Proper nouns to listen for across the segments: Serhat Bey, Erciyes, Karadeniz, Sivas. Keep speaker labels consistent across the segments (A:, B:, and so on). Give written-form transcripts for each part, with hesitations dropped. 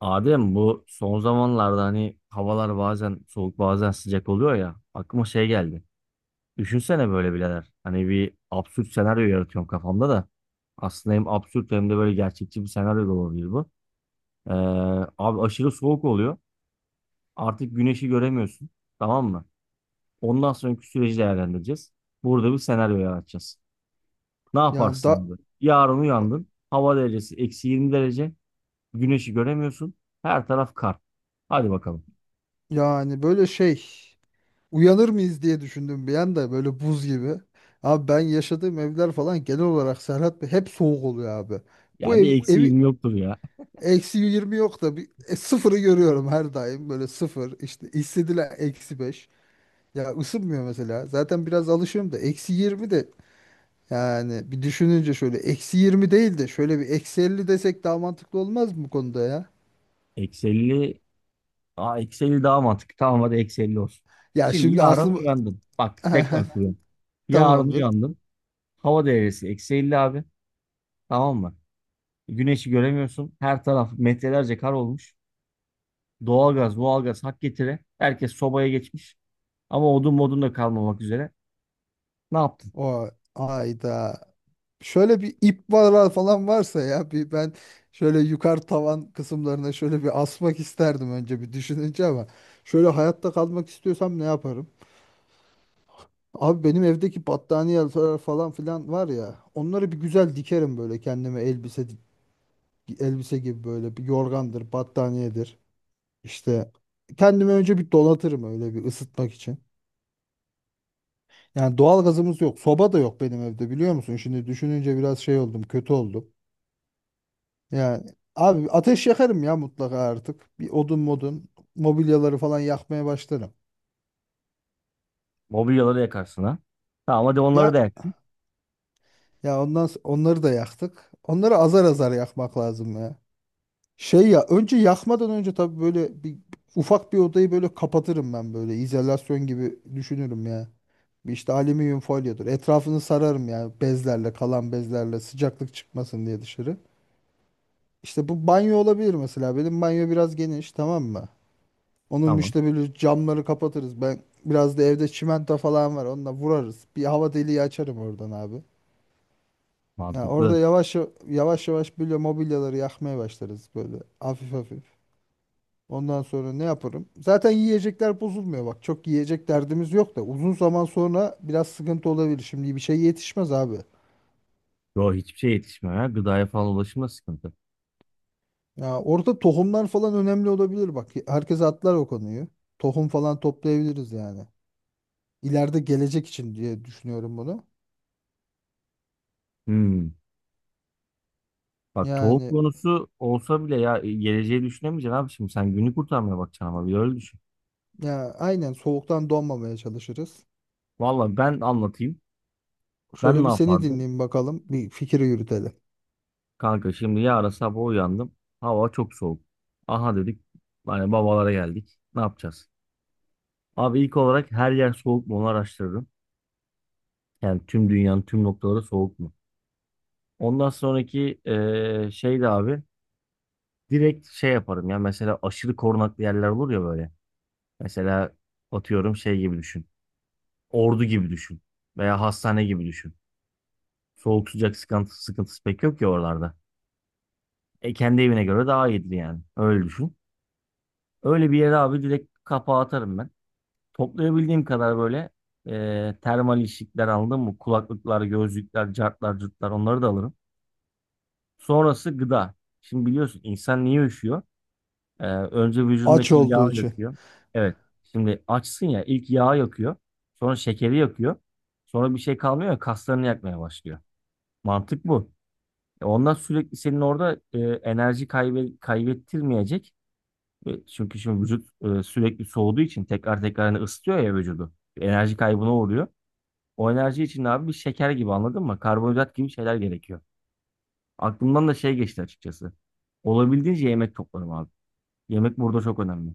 A: Adem, bu son zamanlarda hani havalar bazen soğuk bazen sıcak oluyor ya, aklıma şey geldi. Düşünsene böyle birader. Hani bir absürt senaryo yaratıyorum kafamda da. Aslında hem absürt hem de böyle gerçekçi bir senaryo da olabilir bu. Ee, abi aşırı soğuk oluyor. Artık güneşi göremiyorsun. Tamam mı? Ondan sonraki süreci değerlendireceğiz. Burada bir senaryo yaratacağız. Ne
B: Yani
A: yaparsın
B: da
A: burada? Yarın uyandın. Hava derecesi eksi 20 derece. Güneşi göremiyorsun. Her taraf kar. Hadi bakalım.
B: yani böyle şey Uyanır mıyız diye düşündüm bir anda, böyle buz gibi. Abi, ben yaşadığım evler falan genel olarak, Serhat Bey, hep soğuk oluyor abi. Bu
A: Ya
B: ev
A: bir eksi
B: evi
A: 20 yoktur ya.
B: eksi 20 yok da bir sıfırı görüyorum her daim, böyle sıfır işte, hissedilen eksi 5. Ya ısınmıyor mesela, zaten biraz alışıyorum da eksi 20 de. Yani bir düşününce, şöyle eksi 20 değil de şöyle bir eksi 50 desek daha mantıklı olmaz mı bu konuda ya?
A: Eksi 50. Aa, eksi 50 daha mantıklı. Tamam, hadi eksi 50 olsun.
B: Ya
A: Şimdi
B: şimdi
A: yarın
B: aklım...
A: uyandın. Bak, tekrar kuruyorum. Yarın
B: Tamamdır.
A: uyandın. Hava değerisi eksi 50 abi. Tamam mı? Güneşi göremiyorsun. Her taraf metrelerce kar olmuş. Doğalgaz, doğalgaz hak getire. Herkes sobaya geçmiş. Ama odun modun da kalmamak üzere. Ne yaptın?
B: O ayda şöyle bir ip var falan varsa ya, bir ben şöyle yukarı tavan kısımlarına şöyle bir asmak isterdim önce bir düşününce. Ama şöyle hayatta kalmak istiyorsam ne yaparım? Abi benim evdeki battaniyeler falan filan var ya, onları bir güzel dikerim böyle kendime, elbise gibi, böyle bir yorgandır, battaniyedir. İşte kendimi önce bir donatırım, öyle bir ısıtmak için. Yani doğal gazımız yok, soba da yok benim evde, biliyor musun? Şimdi düşününce biraz şey oldum, kötü oldum. Yani abi, ateş yakarım ya mutlaka artık. Bir odun modun, mobilyaları falan yakmaya başlarım.
A: Mobilyaları yakarsın ha. Tamam, hadi onları da
B: Ya
A: yaktın.
B: onları da yaktık. Onları azar azar yakmak lazım ya. Şey ya, önce yakmadan önce tabii böyle bir ufak bir odayı böyle kapatırım ben, böyle izolasyon gibi düşünürüm ya. Bir işte, alüminyum folyodur, etrafını sararım ya bezlerle, kalan bezlerle, sıcaklık çıkmasın diye dışarı. İşte bu banyo olabilir mesela. Benim banyo biraz geniş, tamam mı? Onun
A: Tamam.
B: müştebiliriz, camları kapatırız. Ben biraz da evde çimento falan var. Onunla vurarız. Bir hava deliği açarım oradan abi. Ya
A: Mantıklı.
B: orada yavaş yavaş yavaş böyle mobilyaları yakmaya başlarız, böyle hafif hafif. Ondan sonra ne yaparım? Zaten yiyecekler bozulmuyor bak. Çok yiyecek derdimiz yok da, uzun zaman sonra biraz sıkıntı olabilir. Şimdi bir şey yetişmez abi.
A: Yo, hiçbir şey yetişmiyor ya. Gıdaya falan ulaşımda sıkıntı.
B: Ya orada tohumlar falan önemli olabilir bak. Herkes atlar o konuyu. Tohum falan toplayabiliriz yani. İleride gelecek için diye düşünüyorum bunu.
A: Hmm. Bak, tohum
B: Yani,
A: konusu olsa bile ya, geleceği düşünemeyeceksin abi, şimdi sen günü kurtarmaya bakacaksın ama bir öyle düşün.
B: ya aynen, soğuktan donmamaya çalışırız.
A: Vallahi ben anlatayım. Ben
B: Şöyle
A: ne
B: bir seni
A: yapardım?
B: dinleyeyim bakalım. Bir fikri yürütelim.
A: Kanka, şimdi yarın sabah uyandım. Hava çok soğuk. Aha dedik. Hani babalara geldik. Ne yapacağız? Abi, ilk olarak her yer soğuk mu onu araştırırım. Yani tüm dünyanın tüm noktaları soğuk mu? Ondan sonraki şey de abi direkt şey yaparım ya, mesela aşırı korunaklı yerler olur ya böyle. Mesela, atıyorum, şey gibi düşün. Ordu gibi düşün. Veya hastane gibi düşün. Soğuk sıcak sıkıntısı pek yok ya oralarda. E, kendi evine göre daha iyidir yani. Öyle düşün. Öyle bir yere abi direkt kapağı atarım ben. Toplayabildiğim kadar böyle termal işlikler aldım mı? Kulaklıklar, gözlükler, cartlar, cırtlar onları da alırım. Sonrası gıda. Şimdi biliyorsun, insan niye üşüyor? Önce
B: Aç
A: vücudundaki yağ
B: olduğu için.
A: yakıyor. Evet. Şimdi açsın ya, ilk yağ yakıyor. Sonra şekeri yakıyor. Sonra bir şey kalmıyor ya, kaslarını yakmaya başlıyor. Mantık bu. Ondan sürekli senin orada enerji kaybettirmeyecek. Ve çünkü şimdi vücut sürekli soğuduğu için tekrar tekrar hani ısıtıyor ya vücudu. Enerji kaybına uğruyor. O enerji için de abi bir şeker gibi, anladın mı? Karbonhidrat gibi şeyler gerekiyor. Aklımdan da şey geçti açıkçası. Olabildiğince yemek toplarım abi. Yemek burada çok önemli.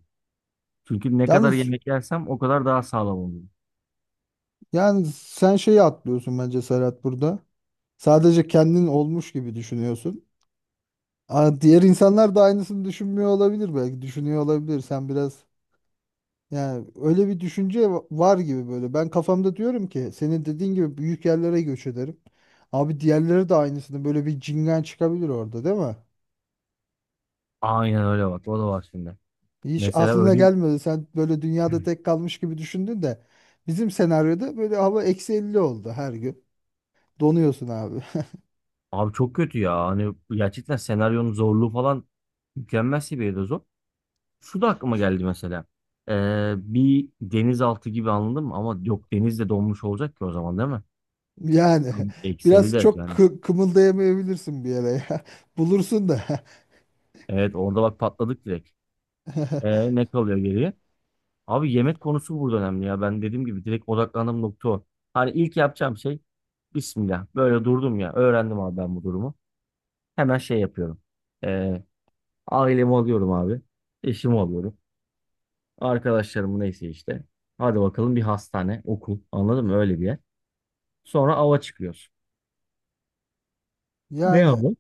A: Çünkü ne kadar
B: Yalnız
A: yemek yersem o kadar daha sağlam olurum.
B: yani, sen şeyi atlıyorsun bence Serhat burada. Sadece kendin olmuş gibi düşünüyorsun. Aa, diğer insanlar da aynısını düşünmüyor olabilir belki. Düşünüyor olabilir. Sen biraz yani, öyle bir düşünce var gibi böyle. Ben kafamda diyorum ki, senin dediğin gibi büyük yerlere göç ederim. Abi, diğerleri de aynısını, böyle bir cingen çıkabilir orada, değil mi?
A: Aynen öyle bak. O da var şimdi.
B: Hiç
A: Mesela
B: aklına
A: öyle.
B: gelmedi. Sen böyle dünyada tek kalmış gibi düşündün de bizim senaryoda böyle hava eksi 50 oldu her gün. Donuyorsun abi.
A: Abi çok kötü ya. Hani gerçekten senaryonun zorluğu falan mükemmel seviyede zor. Şu da aklıma geldi mesela. Bir denizaltı gibi, anladın mı? Ama yok, deniz de donmuş olacak ki o zaman, değil mi?
B: Yani
A: Ekseli
B: biraz
A: de
B: çok
A: yani.
B: kımıldayamayabilirsin bir yere ya. Bulursun da.
A: Evet, orada bak patladık direkt. Ne kalıyor geriye? Abi, yemek konusu burada önemli ya. Ben dediğim gibi direkt odaklandığım nokta o. Hani ilk yapacağım şey, Bismillah. Böyle durdum ya. Öğrendim abi ben bu durumu. Hemen şey yapıyorum. Ee, ailemi alıyorum abi. Eşimi alıyorum. Arkadaşlarımı neyse işte. Hadi bakalım, bir hastane, okul. Anladın mı? Öyle bir yer. Sonra ava çıkıyoruz. Ne
B: Yani
A: avı?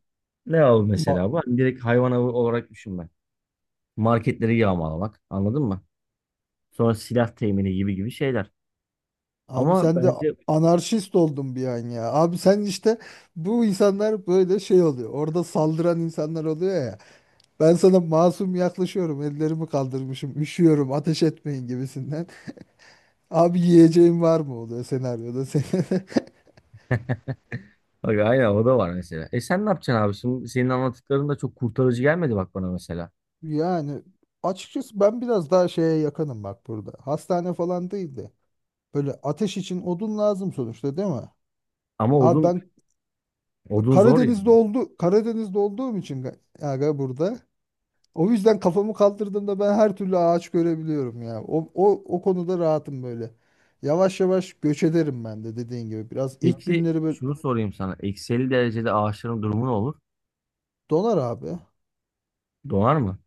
A: Ne avı
B: ma-
A: mesela bu? Hani direkt hayvan avı olarak düşünme. Marketleri yağmalamak. Anladın mı? Sonra silah temini gibi gibi şeyler.
B: Abi
A: Ama
B: sen de
A: bence
B: anarşist oldun bir an ya. Abi sen işte, bu insanlar böyle şey oluyor. Orada saldıran insanlar oluyor ya. Ben sana masum yaklaşıyorum. Ellerimi kaldırmışım. Üşüyorum. Ateş etmeyin gibisinden. Abi yiyeceğim var mı oluyor senaryoda senin.
A: bak aynen, o da var mesela. E, sen ne yapacaksın abi? Şimdi senin anlattıkların da çok kurtarıcı gelmedi bak bana mesela.
B: Yani açıkçası ben biraz daha şeye yakınım bak burada. Hastane falan değil de, böyle ateş için odun lazım sonuçta, değil mi?
A: Ama
B: Abi
A: odun
B: ben
A: odun zor ya.
B: Karadeniz'de oldu, Karadeniz'de olduğum için aga burada. O yüzden kafamı kaldırdığımda ben her türlü ağaç görebiliyorum ya. O konuda rahatım böyle. Yavaş yavaş göç ederim ben de dediğin gibi. Biraz ilk
A: Peki,
B: günleri böyle,
A: şunu sorayım sana. Eksi 50 derecede ağaçların durumu ne olur?
B: donar abi.
A: Donar mı?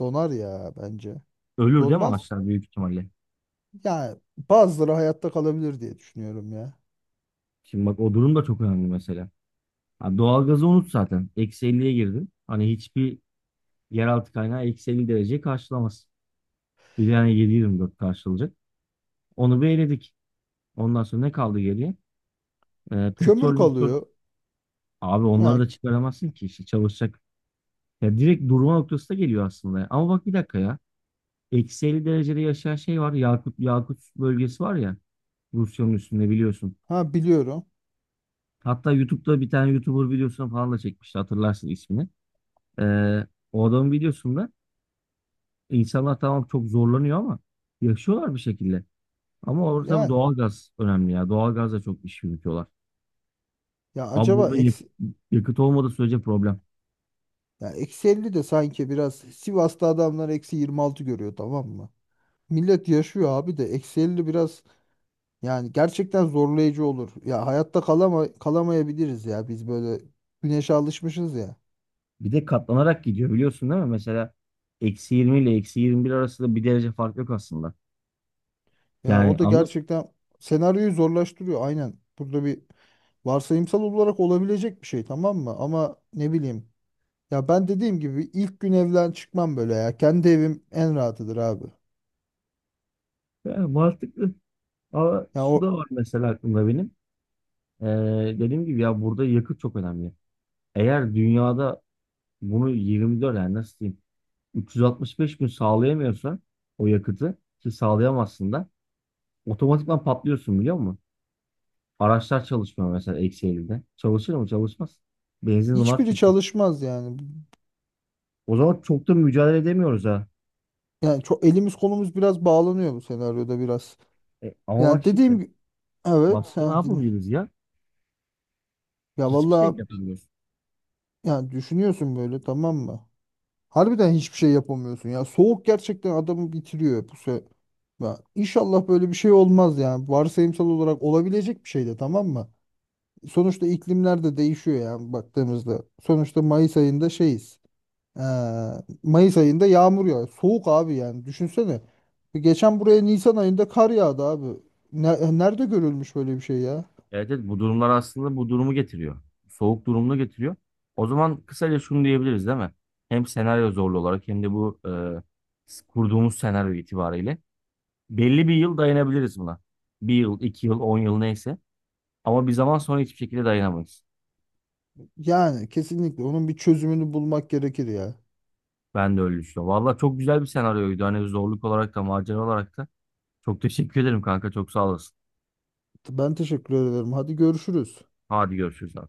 B: Donar ya bence.
A: Ölür değil mi
B: Donmaz.
A: ağaçlar, büyük ihtimalle?
B: Yani bazıları hayatta kalabilir diye düşünüyorum ya.
A: Şimdi bak, o durum da çok önemli mesela. Ha, doğalgazı unut zaten. Eksi 50'ye girdin. Hani hiçbir yeraltı kaynağı eksi 50 dereceyi karşılamaz. Bir de yani 7-24 karşılayacak. Onu bir eledik. Ondan sonra ne kaldı geriye?
B: Kömür
A: Petrol, petrol.
B: kalıyor.
A: Abi onları
B: Yani
A: da çıkaramazsın ki işte çalışacak. Ya direkt durma noktası da geliyor aslında. Ama bak bir dakika ya. Eksi 50 derecede yaşayan şey var. Yakut bölgesi var ya. Rusya'nın üstünde biliyorsun.
B: ha, biliyorum.
A: Hatta YouTube'da bir tane YouTuber videosunu falan da çekmişti. Hatırlarsın ismini. Ee, o adamın videosunda insanlar tamam çok zorlanıyor ama yaşıyorlar bir şekilde. Ama orada tabii
B: Yani
A: doğalgaz önemli ya. Doğalgazla çok iş yürütüyorlar.
B: ya
A: Abi
B: acaba
A: burada
B: eksi,
A: yakıt olmadığı sürece problem.
B: ya eksi 50 de sanki, biraz Sivas'ta adamlar eksi 26 görüyor, tamam mı? Millet yaşıyor abi de, eksi 50 biraz yani gerçekten zorlayıcı olur. Ya hayatta kalamayabiliriz ya biz, böyle güneşe alışmışız ya.
A: Bir de katlanarak gidiyor, biliyorsun değil mi? Mesela eksi 20 ile eksi 21 arasında bir derece fark yok aslında.
B: Ya
A: Yani
B: o da
A: anladın
B: gerçekten senaryoyu zorlaştırıyor aynen. Burada bir varsayımsal olarak olabilecek bir şey, tamam mı? Ama ne bileyim, ya ben dediğim gibi ilk gün evden çıkmam böyle ya. Kendi evim en rahatıdır abi.
A: mı? Yani mantıklı. Ama
B: Ya
A: şu
B: o,
A: da var mesela aklımda benim. Ee, dediğim gibi ya, burada yakıt çok önemli. Eğer dünyada bunu 24, yani nasıl diyeyim, 365 gün sağlayamıyorsa, o yakıtı ki sağlayamazsın da, otomatikman patlıyorsun, biliyor musun? Araçlar çalışmıyor mesela eksi 50'de. Çalışır mı? Çalışmaz. Benzin var
B: hiçbiri
A: çünkü.
B: çalışmaz yani.
A: O zaman çok da mücadele edemiyoruz ha.
B: Yani çok elimiz kolumuz biraz bağlanıyor bu senaryoda biraz.
A: Ama
B: Yani
A: bak
B: dediğim
A: şimdi
B: gibi
A: başka
B: evet,
A: ne yapabiliriz ya?
B: ya
A: Hiçbir şey mi
B: vallahi,
A: yapamıyoruz?
B: yani düşünüyorsun böyle, tamam mı? Harbiden hiçbir şey yapamıyorsun ya. Soğuk gerçekten adamı bitiriyor bu se ya inşallah böyle bir şey olmaz yani. Varsayımsal olarak olabilecek bir şey de, tamam mı? Sonuçta iklimler de değişiyor yani baktığımızda. Sonuçta Mayıs ayında şeyiz. Ee, Mayıs ayında yağmur yağıyor. Soğuk abi yani. Düşünsene. Geçen buraya Nisan ayında kar yağdı abi. Nerede görülmüş böyle bir şey ya?
A: Evet, evet, bu durumlar aslında bu durumu getiriyor. Soğuk durumunu getiriyor. O zaman kısaca şunu diyebiliriz değil mi? Hem senaryo zorlu olarak, hem de bu kurduğumuz senaryo itibariyle belli bir yıl dayanabiliriz buna. Bir yıl, 2 yıl, 10 yıl neyse. Ama bir zaman sonra hiçbir şekilde dayanamayız.
B: Yani kesinlikle onun bir çözümünü bulmak gerekir ya.
A: Ben de öyle düşünüyorum. Valla çok güzel bir senaryoydu. Hani zorluk olarak da macera olarak da. Çok teşekkür ederim kanka. Çok sağ olasın.
B: Ben teşekkür ederim. Hadi görüşürüz.
A: Hadi görüşürüz abi.